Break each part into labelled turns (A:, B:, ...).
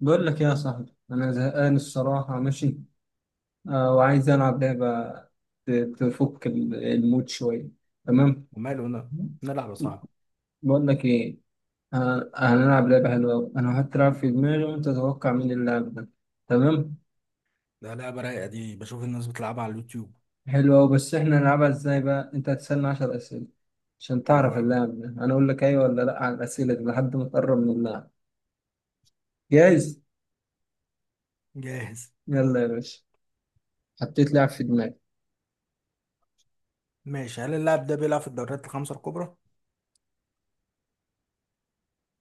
A: بقول لك يا صاحبي انا زهقان الصراحه. ماشي. آه وعايز العب لعبه. ت- تفك المود شويه. تمام.
B: وماله، انا نلعب يا صاحبي.
A: بقول لك ايه؟ آه هنلعب لعبه حلوه أوي. انا هتلعب في دماغي وانت تتوقع مين اللي لعب ده. تمام.
B: ده لعبة رايقة دي، بشوف الناس بتلعبها على اليوتيوب.
A: حلوه أوي، بس احنا نلعبها ازاي بقى؟ انت هتسالني 10 اسئله عشان تعرف
B: حلوة أوي.
A: اللاعب ده، انا اقول لك ايوه ولا لا على الاسئله دي لحد ما تقرب من اللاعب. جاهز.
B: جاهز.
A: يلا يا باشا. حطيت لاعب في دماغي.
B: ماشي، هل اللاعب ده بيلعب في الدوريات الخمسة الكبرى؟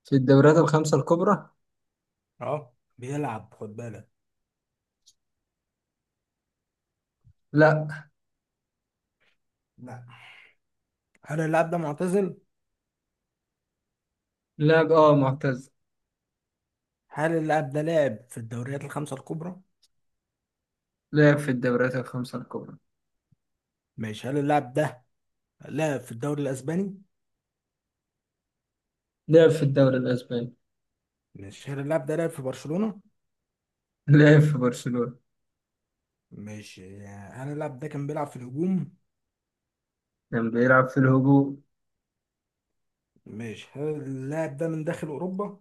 A: في الدوريات الخمسه الكبرى.
B: اه بيلعب، خد بالك.
A: لا.
B: لا. هل اللاعب ده معتزل؟
A: لاعب معتزل.
B: هل اللاعب ده لاعب في الدوريات الخمسة الكبرى؟
A: لعب في الدوريات الخمسة الكبرى.
B: ماشي، هل اللاعب ده لاعب في الدوري الأسباني؟
A: لعب في الدوري الأسباني.
B: ماشي، هل اللاعب ده لاعب في برشلونة؟
A: لعب في برشلونة.
B: ماشي، هل اللاعب ده كان بيلعب في الهجوم؟
A: كان بيلعب في الهجوم.
B: ماشي، هل اللاعب ده من داخل أوروبا؟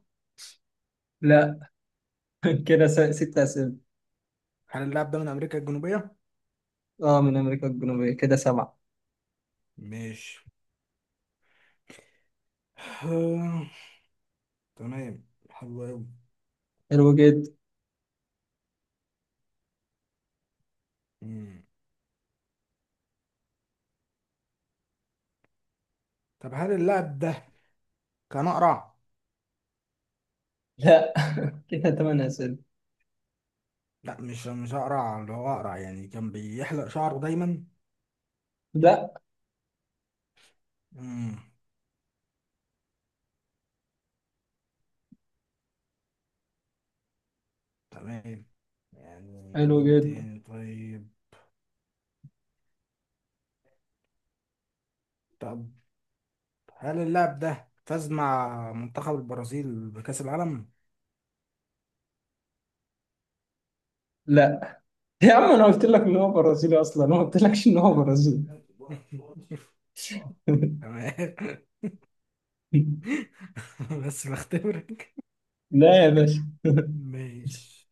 A: لا. كده ست أسئلة.
B: هل اللاعب ده من أمريكا الجنوبية؟
A: اه، من أمريكا الجنوبية، كده سبعة.
B: ماشي. تمام. حلو أوي.
A: حلو جدا.
B: مم. طب هل اللاعب ده كان أقرع؟
A: لا. كده تمن أسئلة.
B: لا، مش أقرع، اللي هو أقرع يعني كان بيحلق شعره دايما.
A: لا.
B: مم. تمام. يعني
A: حلو
B: مين
A: جدا.
B: تاني طيب؟ طب هل اللاعب ده فاز مع منتخب البرازيل بكأس العالم؟
A: لا يا عم، أنا قلت لك إن هو برازيلي أصلا؟ أنا ما قلتلكش إن هو برازيلي.
B: تمام. بس بختبرك.
A: لا يا باشا.
B: ماشي،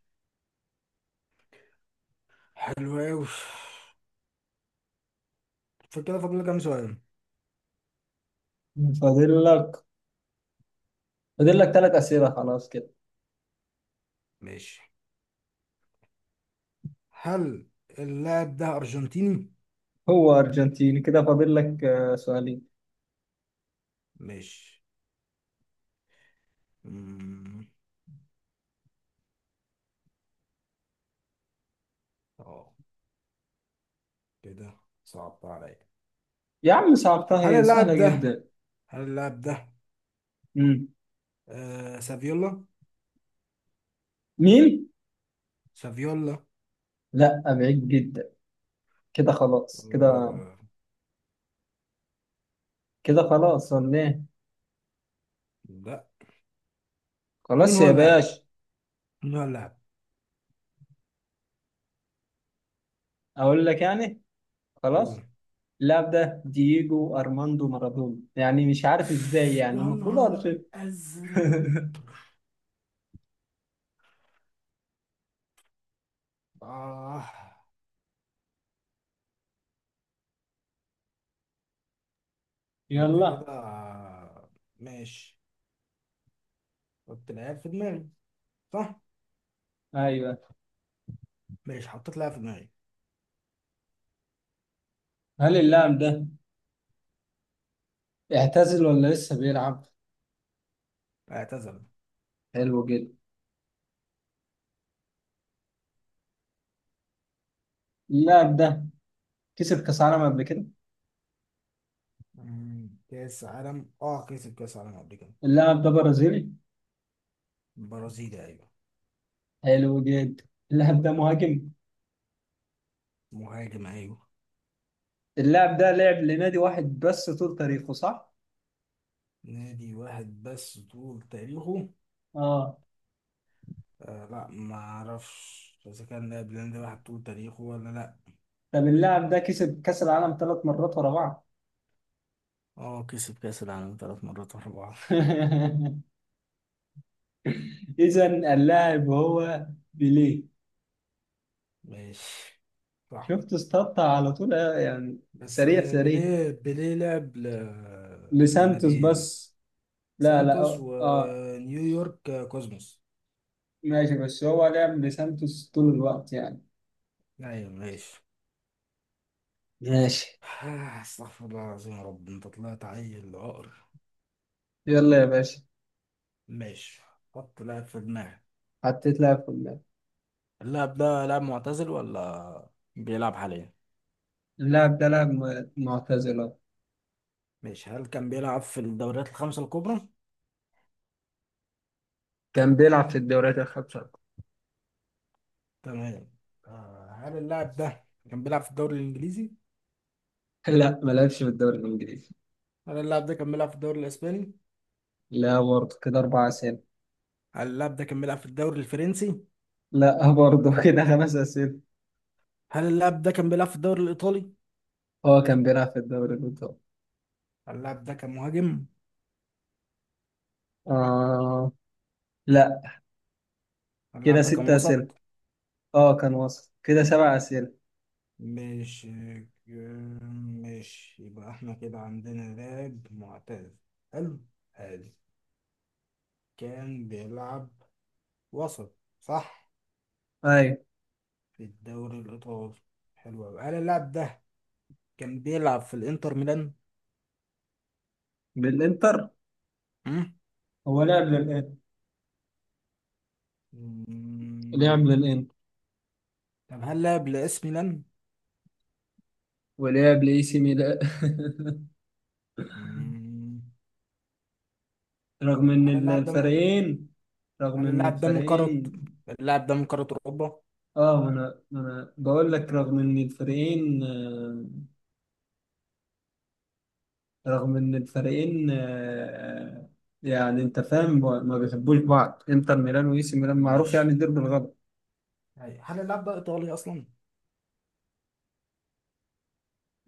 B: حلو أوي. فكده فاضل لي كام سؤال؟
A: فاضل لك فاضل لك ثلاث أسئلة خلاص كده.
B: ماشي، هل اللاعب ده أرجنتيني؟
A: هو أرجنتيني، كده فاضل لك سؤالين.
B: مش مم. اه، كده صعبت عليا.
A: يا عم صعبتها،
B: هل
A: هي سهلة
B: اللاعب ده
A: جدا.
B: هل اللاعب ده سافيولا؟
A: مين؟
B: سافيولا.
A: لا، بعيد جدا. كده خلاص كده.
B: آه
A: كده خلاص ولا ايه؟
B: لا. مين
A: خلاص
B: هو
A: يا
B: اللاعب؟
A: باش.
B: مين هو اللاعب؟
A: اقول لك يعني؟
B: قول.
A: خلاص. اللاعب ده دييجو ارماندو مارادونا. يعني مش عارف ازاي،
B: يا
A: يعني المفروض اعرف
B: نهار
A: إيه.
B: أزرق. آه. أنت
A: يلا.
B: كده، ماشي. حط لاعب في دماغي، صح؟
A: ايوه.
B: ماشي، حطيت لاعب في دماغي.
A: هل اللاعب ده اعتزل ولا لسه بيلعب؟
B: اعتزل.
A: حلو جدا. اللاعب ده كسب كاس عالم قبل كده.
B: كأس عالم، اه كسب كأس عالم قبل كده.
A: اللاعب ده برازيلي.
B: برازيلي، أيوه.
A: حلو جدا. اللاعب ده مهاجم.
B: مهاجم، أيوه.
A: اللاعب ده لعب لنادي واحد بس طول تاريخه، صح؟
B: نادي واحد بس طول تاريخه.
A: اه.
B: آه لا، ما أعرفش إذا كان لاعب نادي واحد طول تاريخه ولا لأ.
A: طب اللاعب ده كسب كأس العالم ثلاث مرات ورا بعض.
B: اه كسب كأس العالم ثلاث مرات ورا بعض.
A: إذا اللاعب هو بيليه.
B: ماشي، صح.
A: شفت؟ استطع على طول يعني.
B: بس،
A: سريع سريع.
B: بيليه لعب
A: لسانتوس
B: للناديين.
A: بس. لا لا.
B: سانتوس ونيويورك، كوزموس.
A: ماشي، بس هو لعب لسانتوس طول الوقت يعني.
B: أيوه ماشي.
A: ماشي.
B: استغفر الله العظيم يا رب، انت طلعت عيل عقر.
A: يلا يا باشا.
B: ماشي، حط لاعب في دماغك.
A: حطيت لاعب في اللاعب.
B: اللاعب ده لاعب معتزل ولا بيلعب حاليا؟
A: اللاعب ده لاعب معتزل أهو.
B: ماشي، هل كان بيلعب في الدوريات الخمسة الكبرى؟
A: كان بيلعب في الدوريات الخمسة.
B: تمام. هل اللاعب ده كان بيلعب في الدوري الإنجليزي؟
A: لا، ما لعبش في الدوري الإنجليزي.
B: هل اللاعب ده كان بيلعب في الدوري الإسباني؟
A: لا برضه، كده أربع أسئلة.
B: هل اللاعب ده كان بيلعب في الدوري الفرنسي؟
A: لا برضه، كده خمس أسئلة.
B: هل اللاعب ده كان بيلعب في الدوري الإيطالي؟
A: اه، كان بيلعب في الدوري الإيطالي.
B: هل اللاعب ده كان مهاجم؟
A: آه لا.
B: هل
A: كده
B: اللاعب ده كان
A: ستة أسئلة.
B: وسط؟
A: اه كان وصل، كده سبع أسئلة.
B: مش مش يبقى احنا كده عندنا لاعب معتزل. حلو، حلو. كان بيلعب وسط، صح،
A: أيوة.
B: في الدوري الإيطالي. حلو أوي، هل اللاعب ده كان بيلعب في الإنتر ميلان؟
A: بالإنتر.
B: مم.
A: هو لعب للإنتر. لعب
B: مم.
A: للإنتر.
B: طب هل لعب لإس ميلان؟
A: ولعب لإي سي ميلان.
B: مم.
A: رغم
B: طب
A: إن
B: هل اللاعب ده من
A: الفريقين. رغم
B: هل
A: إن
B: اللاعب ده من قارة
A: الفريقين.
B: اللاعب ده من قارة أوروبا؟
A: اه، ما أنا بقول لك، رغم إن الفريقين رغم إن الفريقين يعني أنت فاهم، ما بيحبوش بعض. إنتر ميلان وإي سي ميلان معروف
B: ماشي.
A: يعني الدير بالغلط.
B: هل اللاعب ده إيطالي أصلا؟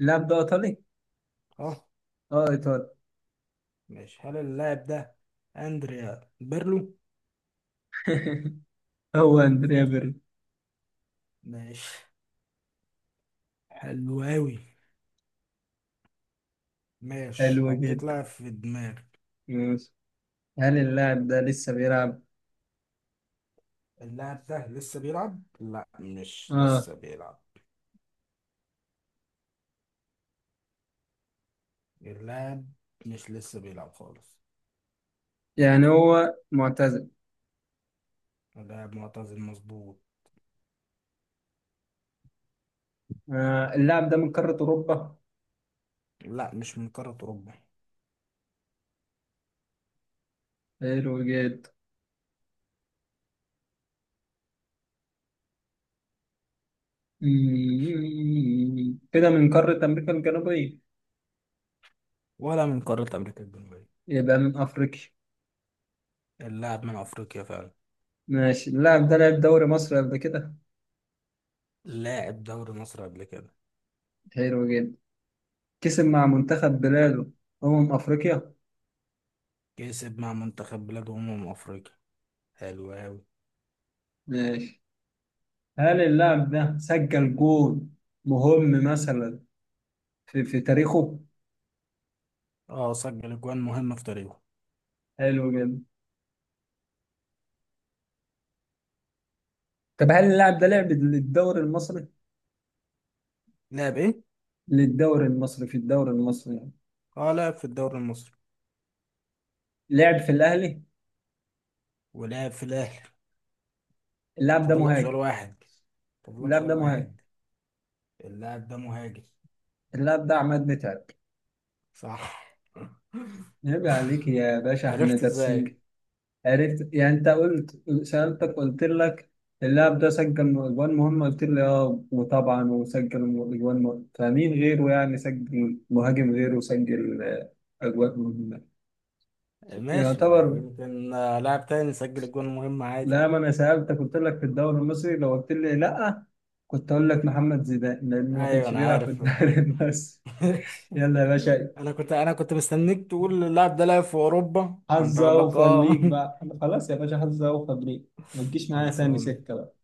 A: اللاعب ده إيطالي؟
B: أه.
A: اه إيطالي.
B: ماشي، هل اللاعب ده أندريا بيرلو؟
A: هو أندريا بيرلو.
B: ماشي، حلو أوي. ماشي،
A: حلو
B: حطيت
A: جدا.
B: لاعب في دماغي.
A: ماشي. هل اللاعب ده لسه بيلعب؟
B: اللاعب ده لسه بيلعب؟ لا، مش
A: اه.
B: لسه بيلعب. اللاعب مش لسه بيلعب خالص.
A: يعني هو معتزل.
B: اللاعب معتزل، مظبوط.
A: آه، اللاعب ده من قارة أوروبا.
B: لا، مش من قارة أوروبا.
A: حلو جدا. مم. كده من قارة أمريكا الجنوبية.
B: ولا من قارة أمريكا الجنوبية.
A: يبقى من أفريقيا.
B: اللاعب من أفريقيا فعلا.
A: ماشي. اللاعب ده لعب دوري مصر قبل كده.
B: لاعب دوري مصر قبل كده.
A: حلو جدا. كسب مع منتخب بلاده أمم أفريقيا.
B: كسب مع منتخب بلاد أمم أفريقيا. حلو أوي.
A: ماشي. هل اللاعب ده سجل جول مهم مثلا في تاريخه؟
B: اه سجل أجوان مهمة في تاريخه.
A: حلو جدا. طب هل اللاعب ده لعب للدوري المصري؟
B: لاعب إيه؟
A: للدوري المصري، في الدوري المصري يعني.
B: اه لاعب في الدوري المصري.
A: لعب في الأهلي؟
B: ولعب في الأهلي.
A: اللاعب ده
B: فاضل لك سؤال
A: مهاجم.
B: واحد. فاضل لك
A: اللاعب
B: سؤال
A: ده مهاجم.
B: واحد. اللاعب ده مهاجم.
A: اللاعب ده عماد متعب.
B: صح.
A: عيب عليك يا باشا، احنا
B: عرفت ازاي؟
A: دارسين. عرفت يعني، انت قلت، سألتك قلت لك اللاعب ده سجل اجوان مهمة، قلت لي اه، وطبعا وسجل اجوان مهمة، فمين غيره يعني سجل؟ مهاجم غيره سجل اجوان مهمة.
B: ماشي، ما
A: يعتبر.
B: يمكن لاعب تاني يسجل الجون المهم، عادي.
A: لا، ما انا سألتك قلت لك في الدوري المصري، لو قلت لي لا كنت اقول لك محمد زيدان لانه ما
B: ايوه
A: كانش
B: انا
A: بيلعب في
B: عارف.
A: الدوري. بس.
B: ماشي.
A: يلا يا باشا.
B: انا كنت مستنيك تقول اللاعب ده لعب في اوروبا، فانت
A: حظ
B: اقول لك
A: اوفر
B: اه.
A: ليك بقى، خلاص يا باشا، حظ اوفر ليك. ما تجيش معايا تاني
B: خلصان.
A: سكه بقى.